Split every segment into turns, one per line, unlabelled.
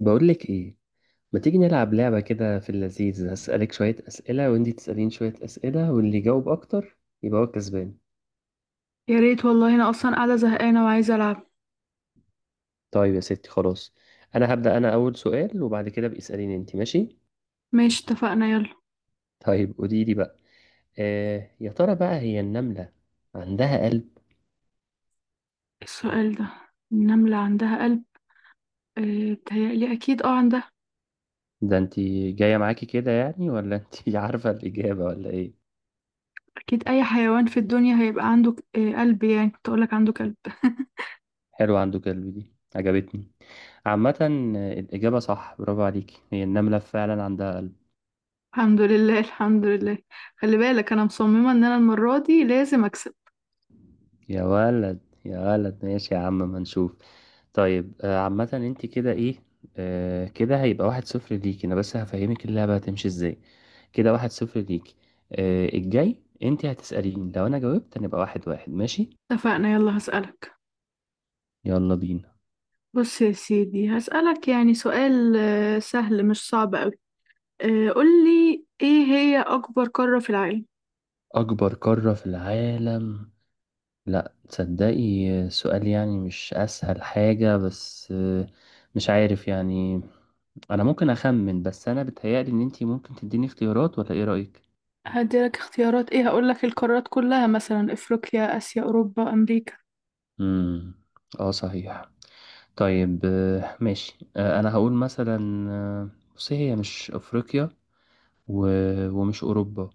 بقول لك ايه. ما تيجي نلعب لعبة كده في اللذيذ؟ هسألك شوية أسئلة وانتي تسألين شوية أسئلة، واللي يجاوب أكتر يبقى هو كسبان.
يا ريت والله، انا اصلا قاعده زهقانه وعايزه العب.
طيب يا ستي خلاص. أنا هبدأ، أنا أول سؤال، وبعد كده بقى اسأليني انتي، ماشي؟
ماشي، اتفقنا، يلا.
طيب قولي لي بقى. يا ترى بقى هي النملة عندها قلب؟
السؤال ده، النمله عندها قلب؟ آه، بتهيألي اكيد، اه عندها.
ده انتي جاية معاكي كده يعني، ولا انتي عارفة الإجابة ولا ايه؟
اكيد اي حيوان في الدنيا هيبقى عنده قلب، يعني كنت اقولك عنده كلب.
حلو، عنده قلب، دي عجبتني. عامة، الإجابة صح، برافو عليكي، هي النملة فعلا عندها قلب.
الحمد لله، الحمد لله. خلي بالك، انا مصممه ان انا المره دي لازم اكسب.
يا ولد، يا ولد ماشي يا عم، ما نشوف. طيب، عامة انت كده ايه. كده هيبقى 1-0 ليكي، انا بس هفهمك اللعبة هتمشي ازاي. كده 1-0 ليكي. الجاي انت هتسأليني، لو انا جاوبت هنبقى 1-1، ماشي؟
اتفقنا، يلا هسألك.
يلا بينا.
بص يا سيدي، هسألك يعني سؤال سهل، مش صعب قوي. قولي، ايه هي اكبر قاره في العالم؟
اكبر قارة في العالم؟ لا تصدقي، سؤال يعني مش اسهل حاجة، بس مش عارف يعني. انا ممكن اخمن، بس انا بتهيألي ان انت ممكن تديني اختيارات، ولا ايه رأيك؟
هديلك اختيارات ايه؟ هقولك القارات كلها، مثلا افريقيا، اسيا، اوروبا، امريكا.
امم. اه صحيح. طيب، ماشي. انا هقول مثلا آه، بصي، هي مش افريقيا و... ومش اوروبا.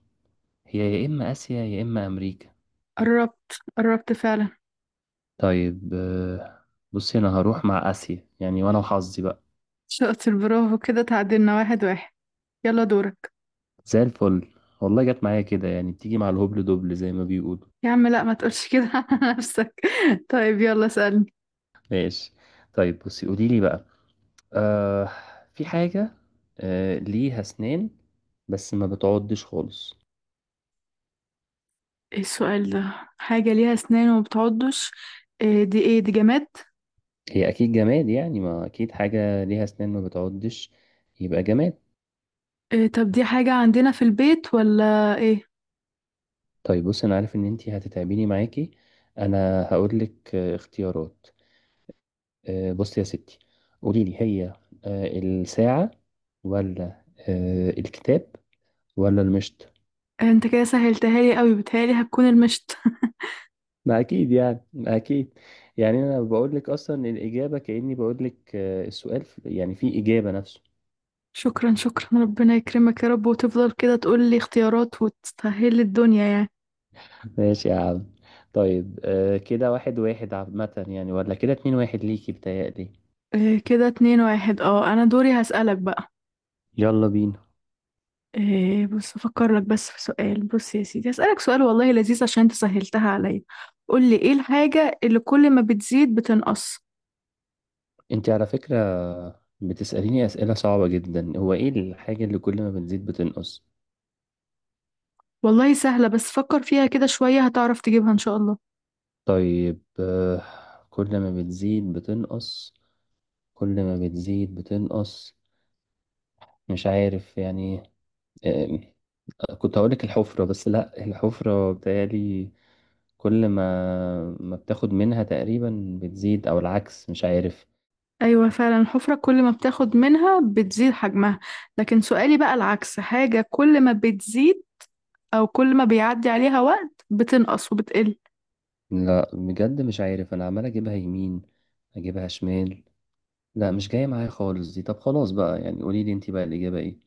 هي يا اما اسيا يا اما امريكا.
قربت، قربت فعلا.
طيب، بصي انا هروح مع اسيا يعني، وانا وحظي بقى.
شاطر، برافو، كده تعادلنا 1-1. يلا دورك.
زي الفل. والله جت معايا كده يعني، بتيجي مع الهبل دبل زي ما بيقولوا.
يا عم لا، ما تقولش كده على نفسك. طيب يلا سألني.
ماشي. طيب بصي، قولي لي بقى. آه في حاجة ليها اسنان بس ما بتعضش خالص.
ايه السؤال ده؟ حاجة ليها اسنان وما بتعضش؟ إيه دي، ايه دي، جماد؟
هي اكيد جماد يعني، ما اكيد حاجه ليها اسنان ما بتعضش يبقى جماد.
إيه، طب دي حاجة عندنا في البيت ولا ايه؟
طيب بص، انا عارف ان انتي هتتعبيني معاكي، انا هقول لك اختيارات. بصي يا ستي، قولي لي، هي الساعه، ولا الكتاب، ولا المشط؟
انت كده سهلتها لي قوي، بتهيألي هتكون المشط.
ما اكيد يعني، ما اكيد. يعني انا بقول لك اصلا الاجابه، كاني بقول لك، السؤال يعني في اجابه نفسه.
شكرا شكرا، ربنا يكرمك يا رب، وتفضل كده تقول لي اختيارات وتسهل لي الدنيا يعني.
ماشي يا عم. طيب، كده 1-1 عامه يعني، ولا كده 2-1 ليكي بتهيألي؟
إيه، كده 2-1، اه، انا دوري هسألك بقى.
يلا بينا.
إيه، بص افكر لك بس في سؤال. بص يا سيدي، هسألك سؤال والله لذيذ عشان انت سهلتها عليا. قول لي، ايه الحاجة اللي كل ما بتزيد بتنقص؟
انت على فكرة بتسأليني أسئلة صعبة جدا، هو ايه الحاجة اللي كل ما بتزيد بتنقص؟
والله سهلة، بس فكر فيها كده شوية هتعرف تجيبها ان شاء الله.
طيب كل ما بتزيد بتنقص، كل ما بتزيد بتنقص، مش عارف يعني. آه، كنت هقولك الحفرة، بس لا، الحفرة بتهيألي كل ما بتاخد منها تقريبا بتزيد، او العكس، مش عارف.
ايوه فعلا، الحفرة كل ما بتاخد منها بتزيد حجمها. لكن سؤالي بقى العكس، حاجة كل ما بتزيد، او كل ما بيعدي عليها وقت بتنقص وبتقل.
لا بجد مش عارف، انا عمال اجيبها يمين اجيبها شمال، لا مش جاية معايا خالص دي، طب خلاص بقى يعني، قولي لي انت بقى الإجابة ايه.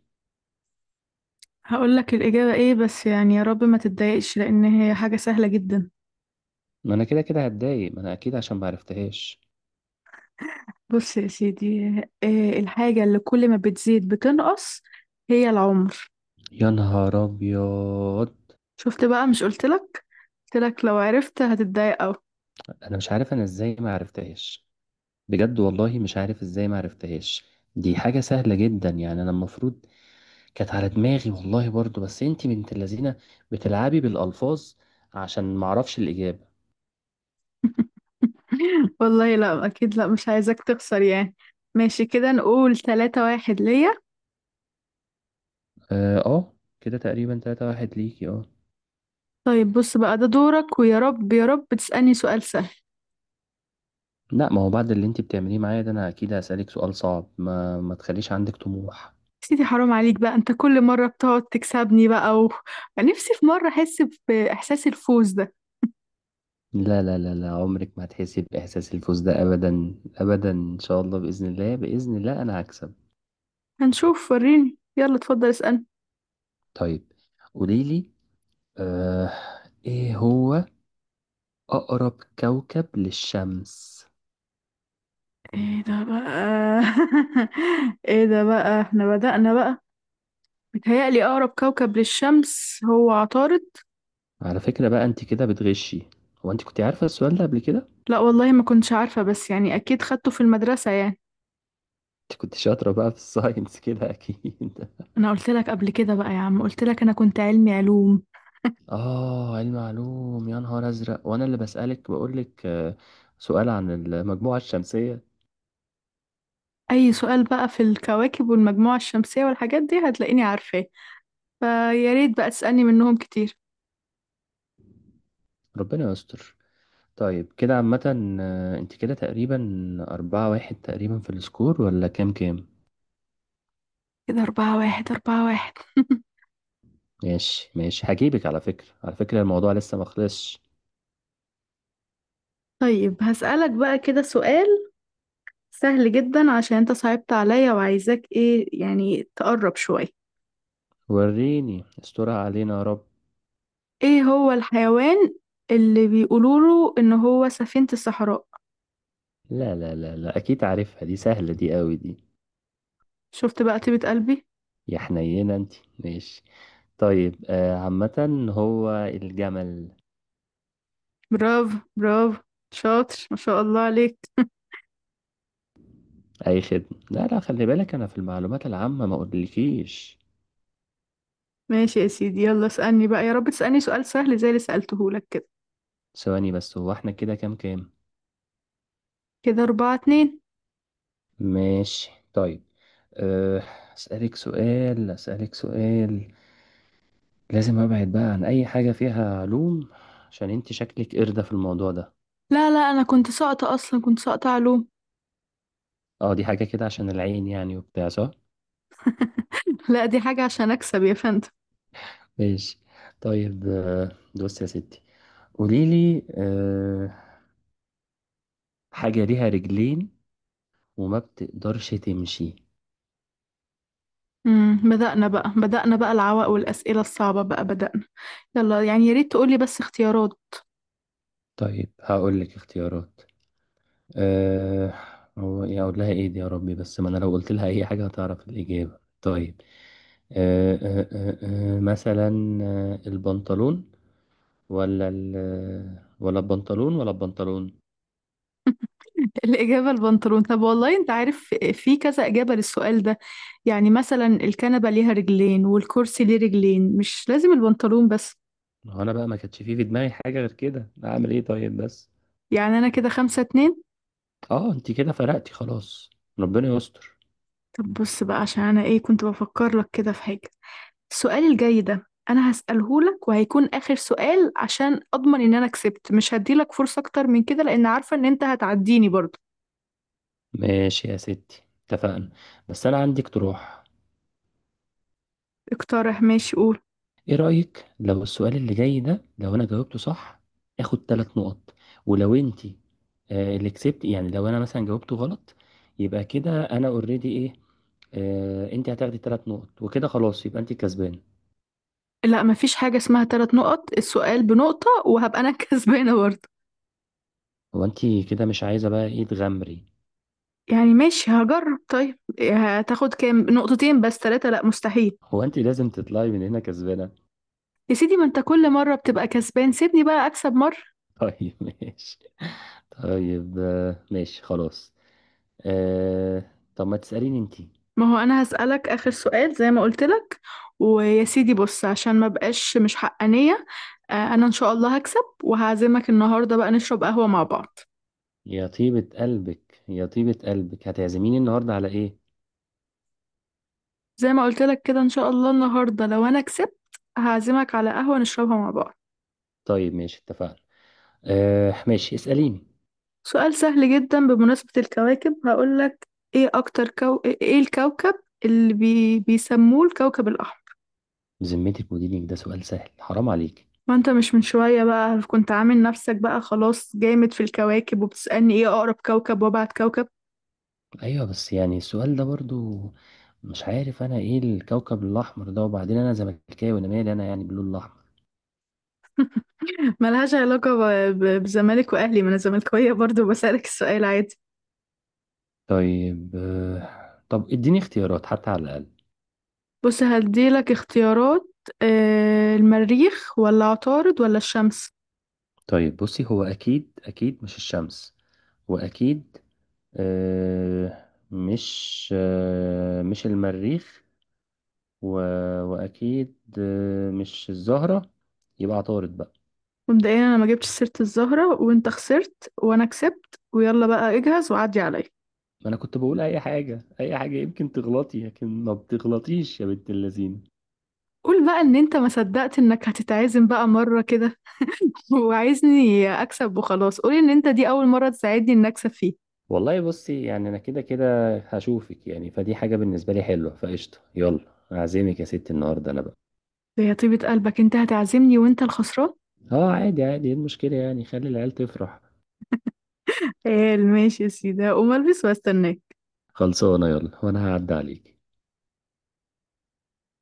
هقول لك الإجابة ايه، بس يعني يا رب ما تتضايقش، لأن هي حاجة سهلة جدا.
ما انا كده كده هتضايق، ما انا اكيد عشان ما عرفتهاش.
بص يا سيدي، الحاجة اللي كل ما بتزيد بتنقص هي العمر.
يا نهار ابيض.
شفت بقى، مش قلتلك؟ قلتلك لو عرفت هتتضايق أوي.
انا مش عارف انا ازاي ما عرفتهاش، بجد والله مش عارف ازاي ما عرفتهاش، دي حاجة سهلة جدا يعني، انا المفروض كانت على دماغي والله برضو، بس انت بنت اللذينة بتلعبي بالألفاظ عشان ما اعرفش الإجابة.
والله لا، أكيد لا، مش عايزك تخسر يعني. ماشي، كده نقول 3-1 ليا.
اه. كده تقريبا 3-1 ليكي اه.
طيب بص بقى ده دورك، ويا رب يا رب تسألني سؤال سهل.
لا، ما هو بعد اللي انت بتعمليه معايا ده، انا اكيد هسألك سؤال صعب، ما تخليش عندك طموح.
سيدي حرام عليك بقى، انت كل مرة بتقعد تكسبني بقى و... نفسي في مرة أحس بإحساس الفوز ده.
لا لا لا لا، عمرك ما هتحسي بإحساس الفوز ده، أبدا أبدا، إن شاء الله بإذن الله، بإذن الله أنا هكسب.
هنشوف، وريني، يلا اتفضل اسألني.
طيب قوليلي، آه إيه هو أقرب كوكب للشمس؟
ايه ده بقى؟ ايه ده بقى؟ احنا بدأنا بقى. متهيألي أقرب كوكب للشمس هو عطارد.
على فكرة بقى، أنت كده بتغشي، هو أنت كنت عارفة السؤال ده قبل كده؟
لا والله، ما كنتش عارفة، بس يعني أكيد خدته في المدرسة يعني.
أنت كنت شاطرة بقى في الساينس كده أكيد.
أنا قلت لك قبل كده بقى يا عم، قلت لك أنا كنت علمي علوم.
علم علوم! يا نهار أزرق، وأنا اللي بسألك بقولك سؤال عن المجموعة الشمسية.
أي سؤال بقى في الكواكب والمجموعة الشمسية والحاجات دي هتلاقيني عارفاه. فيا ريت بقى تسألني منهم كتير.
ربنا يستر. طيب كده عامة، انت كده تقريبا 4-1 تقريبا في السكور، ولا كام كام؟
كده 4-1، 4-1
ماشي ماشي، هجيبك على فكرة، على فكرة الموضوع لسه مخلصش.
طيب هسألك بقى كده سؤال سهل جدا، عشان أنت صعبت عليا وعايزاك إيه يعني تقرب شوية.
وريني، استرها علينا يا رب.
ايه هو الحيوان اللي بيقولوله ان هو سفينة الصحراء؟
لا لا لا لا، أكيد عارفها، دي سهلة دي، قوي دي.
شفت بقى طيبة قلبي.
يا حنينة انت. ماشي. طيب عامة هو الجمل.
برافو، برافو، شاطر ما شاء الله عليك.
أي خدمة، لا لا خلي بالك، أنا في المعلومات العامة ما أقولكيش.
ماشي يا سيدي، يلا اسألني بقى، يا رب تسألني سؤال سهل زي اللي سألتهولك كده.
ثواني بس، هو احنا كده كام كام؟
كده 4-2.
ماشي طيب. أه، أسألك سؤال، لازم أبعد بقى عن أي حاجة فيها علوم، عشان أنت شكلك قردة في الموضوع ده.
لا لا، أنا كنت ساقطة أصلا، كنت ساقطة علوم.
أه، دي حاجة كده عشان العين يعني وبتاع، صح؟
لا، دي حاجة عشان أكسب يا فندم.
ماشي طيب. بصي يا ستي، قوليلي حاجة ليها رجلين وما بتقدرش تمشي.
بدأنا بقى، بدأنا بقى العوائق والأسئلة الصعبة بقى، بدأنا. يلا يعني، يا ريت تقولي بس اختيارات.
طيب هقولك اختيارات. أه هو إيه اقول لها ايه دي يا ربي، بس ما انا لو قلت لها اي حاجه هتعرف الاجابه. طيب أه أه أه مثلا، البنطلون، ولا ال آه، ولا البنطلون، ولا البنطلون.
الإجابة البنطلون، طب والله أنت عارف في كذا إجابة للسؤال ده. يعني مثلا الكنبة ليها رجلين والكرسي ليه رجلين، مش لازم البنطلون بس.
ما هو انا بقى ما كانتش فيه في دماغي حاجه غير كده، اعمل ايه طيب بس.
يعني أنا كده 5-2.
اه انت كده فرقتي خلاص، ربنا يستر.
طب بص بقى، عشان أنا إيه، كنت بفكر لك كده في حاجة. السؤال الجاي ده أنا هسأله لك وهيكون آخر سؤال، عشان أضمن إن أنا كسبت، مش هديلك فرصة أكتر من كده، لأن عارفة إن أنت هتعديني برضه.
ماشي يا ستي اتفقنا. بس انا عندي اقتراح.
اقترح، ماشي، قول.
ايه رأيك، لو السؤال اللي جاي ده لو انا جاوبته صح، اخد 3 نقط. ولو انتي اللي كسبت، يعني لو انا مثلا جاوبته غلط، يبقى كده انا اوريدي ايه، انتي هتاخدي 3 نقط وكده خلاص يبقى انتي كسبانة.
لا، مفيش حاجة اسمها 3 نقط، السؤال بنقطة، وهبقى أنا كسبانة برضه.
هو انتي كده مش عايزة بقى، ايه، تغامري؟
يعني ماشي هجرب، طيب هتاخد كام؟ نقطتين بس، ثلاثة لا، مستحيل.
هو انتي لازم تطلعي من هنا كسبانة.
يا سيدي، ما انت كل مرة بتبقى كسبان، سيبني بقى اكسب مرة.
طيب ماشي. طيب ماشي خلاص. آه طب ما تسأليني انتي.
ما هو انا هسألك اخر سؤال زي ما قلت لك. ويا سيدي بص، عشان ما بقاش مش حقانية. انا ان شاء الله هكسب، وهعزمك النهاردة بقى نشرب قهوة مع بعض.
يا طيبة قلبك، يا طيبة قلبك، هتعزميني النهاردة على ايه؟
زي ما قلت لك كده، ان شاء الله النهاردة لو انا كسبت، هعزمك على قهوة نشربها مع بعض.
طيب ماشي اتفقنا. ماشي اسأليني.
سؤال سهل جدا، بمناسبة الكواكب هقولك، ايه ايه الكوكب اللي بيسموه الكوكب الاحمر؟
بذمتك، مديرك ده سؤال سهل؟ حرام عليك.
ما انت مش من شوية بقى كنت عامل نفسك بقى خلاص جامد في الكواكب، وبتسألني ايه اقرب كوكب وابعد كوكب.
ايوه بس يعني السؤال ده برضو، مش عارف انا ايه الكوكب الاحمر ده، وبعدين انا زملكاوي، انا مالي انا يعني باللون الاحمر.
ملهاش علاقة بزمالك واهلي، ما انا زملكاوية برضو بسألك السؤال عادي.
طب اديني اختيارات حتى على الاقل.
بص هديلك اختيارات. المريخ ولا عطارد ولا الشمس؟
طيب بصي، هو اكيد اكيد مش الشمس، واكيد مش المريخ، و... واكيد مش الزهرة، يبقى عطارد بقى.
مبدئيا انا ما جبتش سيرة الزهرة، وانت خسرت وانا كسبت، ويلا بقى اجهز وعدي عليا.
ما انا كنت بقول اي حاجه اي حاجه يمكن تغلطي، لكن ما بتغلطيش يا بنت اللذين.
قول بقى ان انت ما صدقت انك هتتعزم بقى مرة كده. وعايزني اكسب وخلاص، قول ان انت دي اول مرة تساعدني ان اكسب فيه.
والله بصي، يعني انا كده كده هشوفك يعني، فدي حاجه بالنسبه لي حلوه، فقشطه يلا اعزمك يا ستي النهارده انا بقى.
يا طيبة قلبك، انت هتعزمني وانت الخسران.
اه، عادي عادي، ايه المشكله يعني، خلي العيال تفرح.
قال ماشي يا سيدي، هقوم البس واستناك.
خلصانه يلا، وانا هعدي عليك.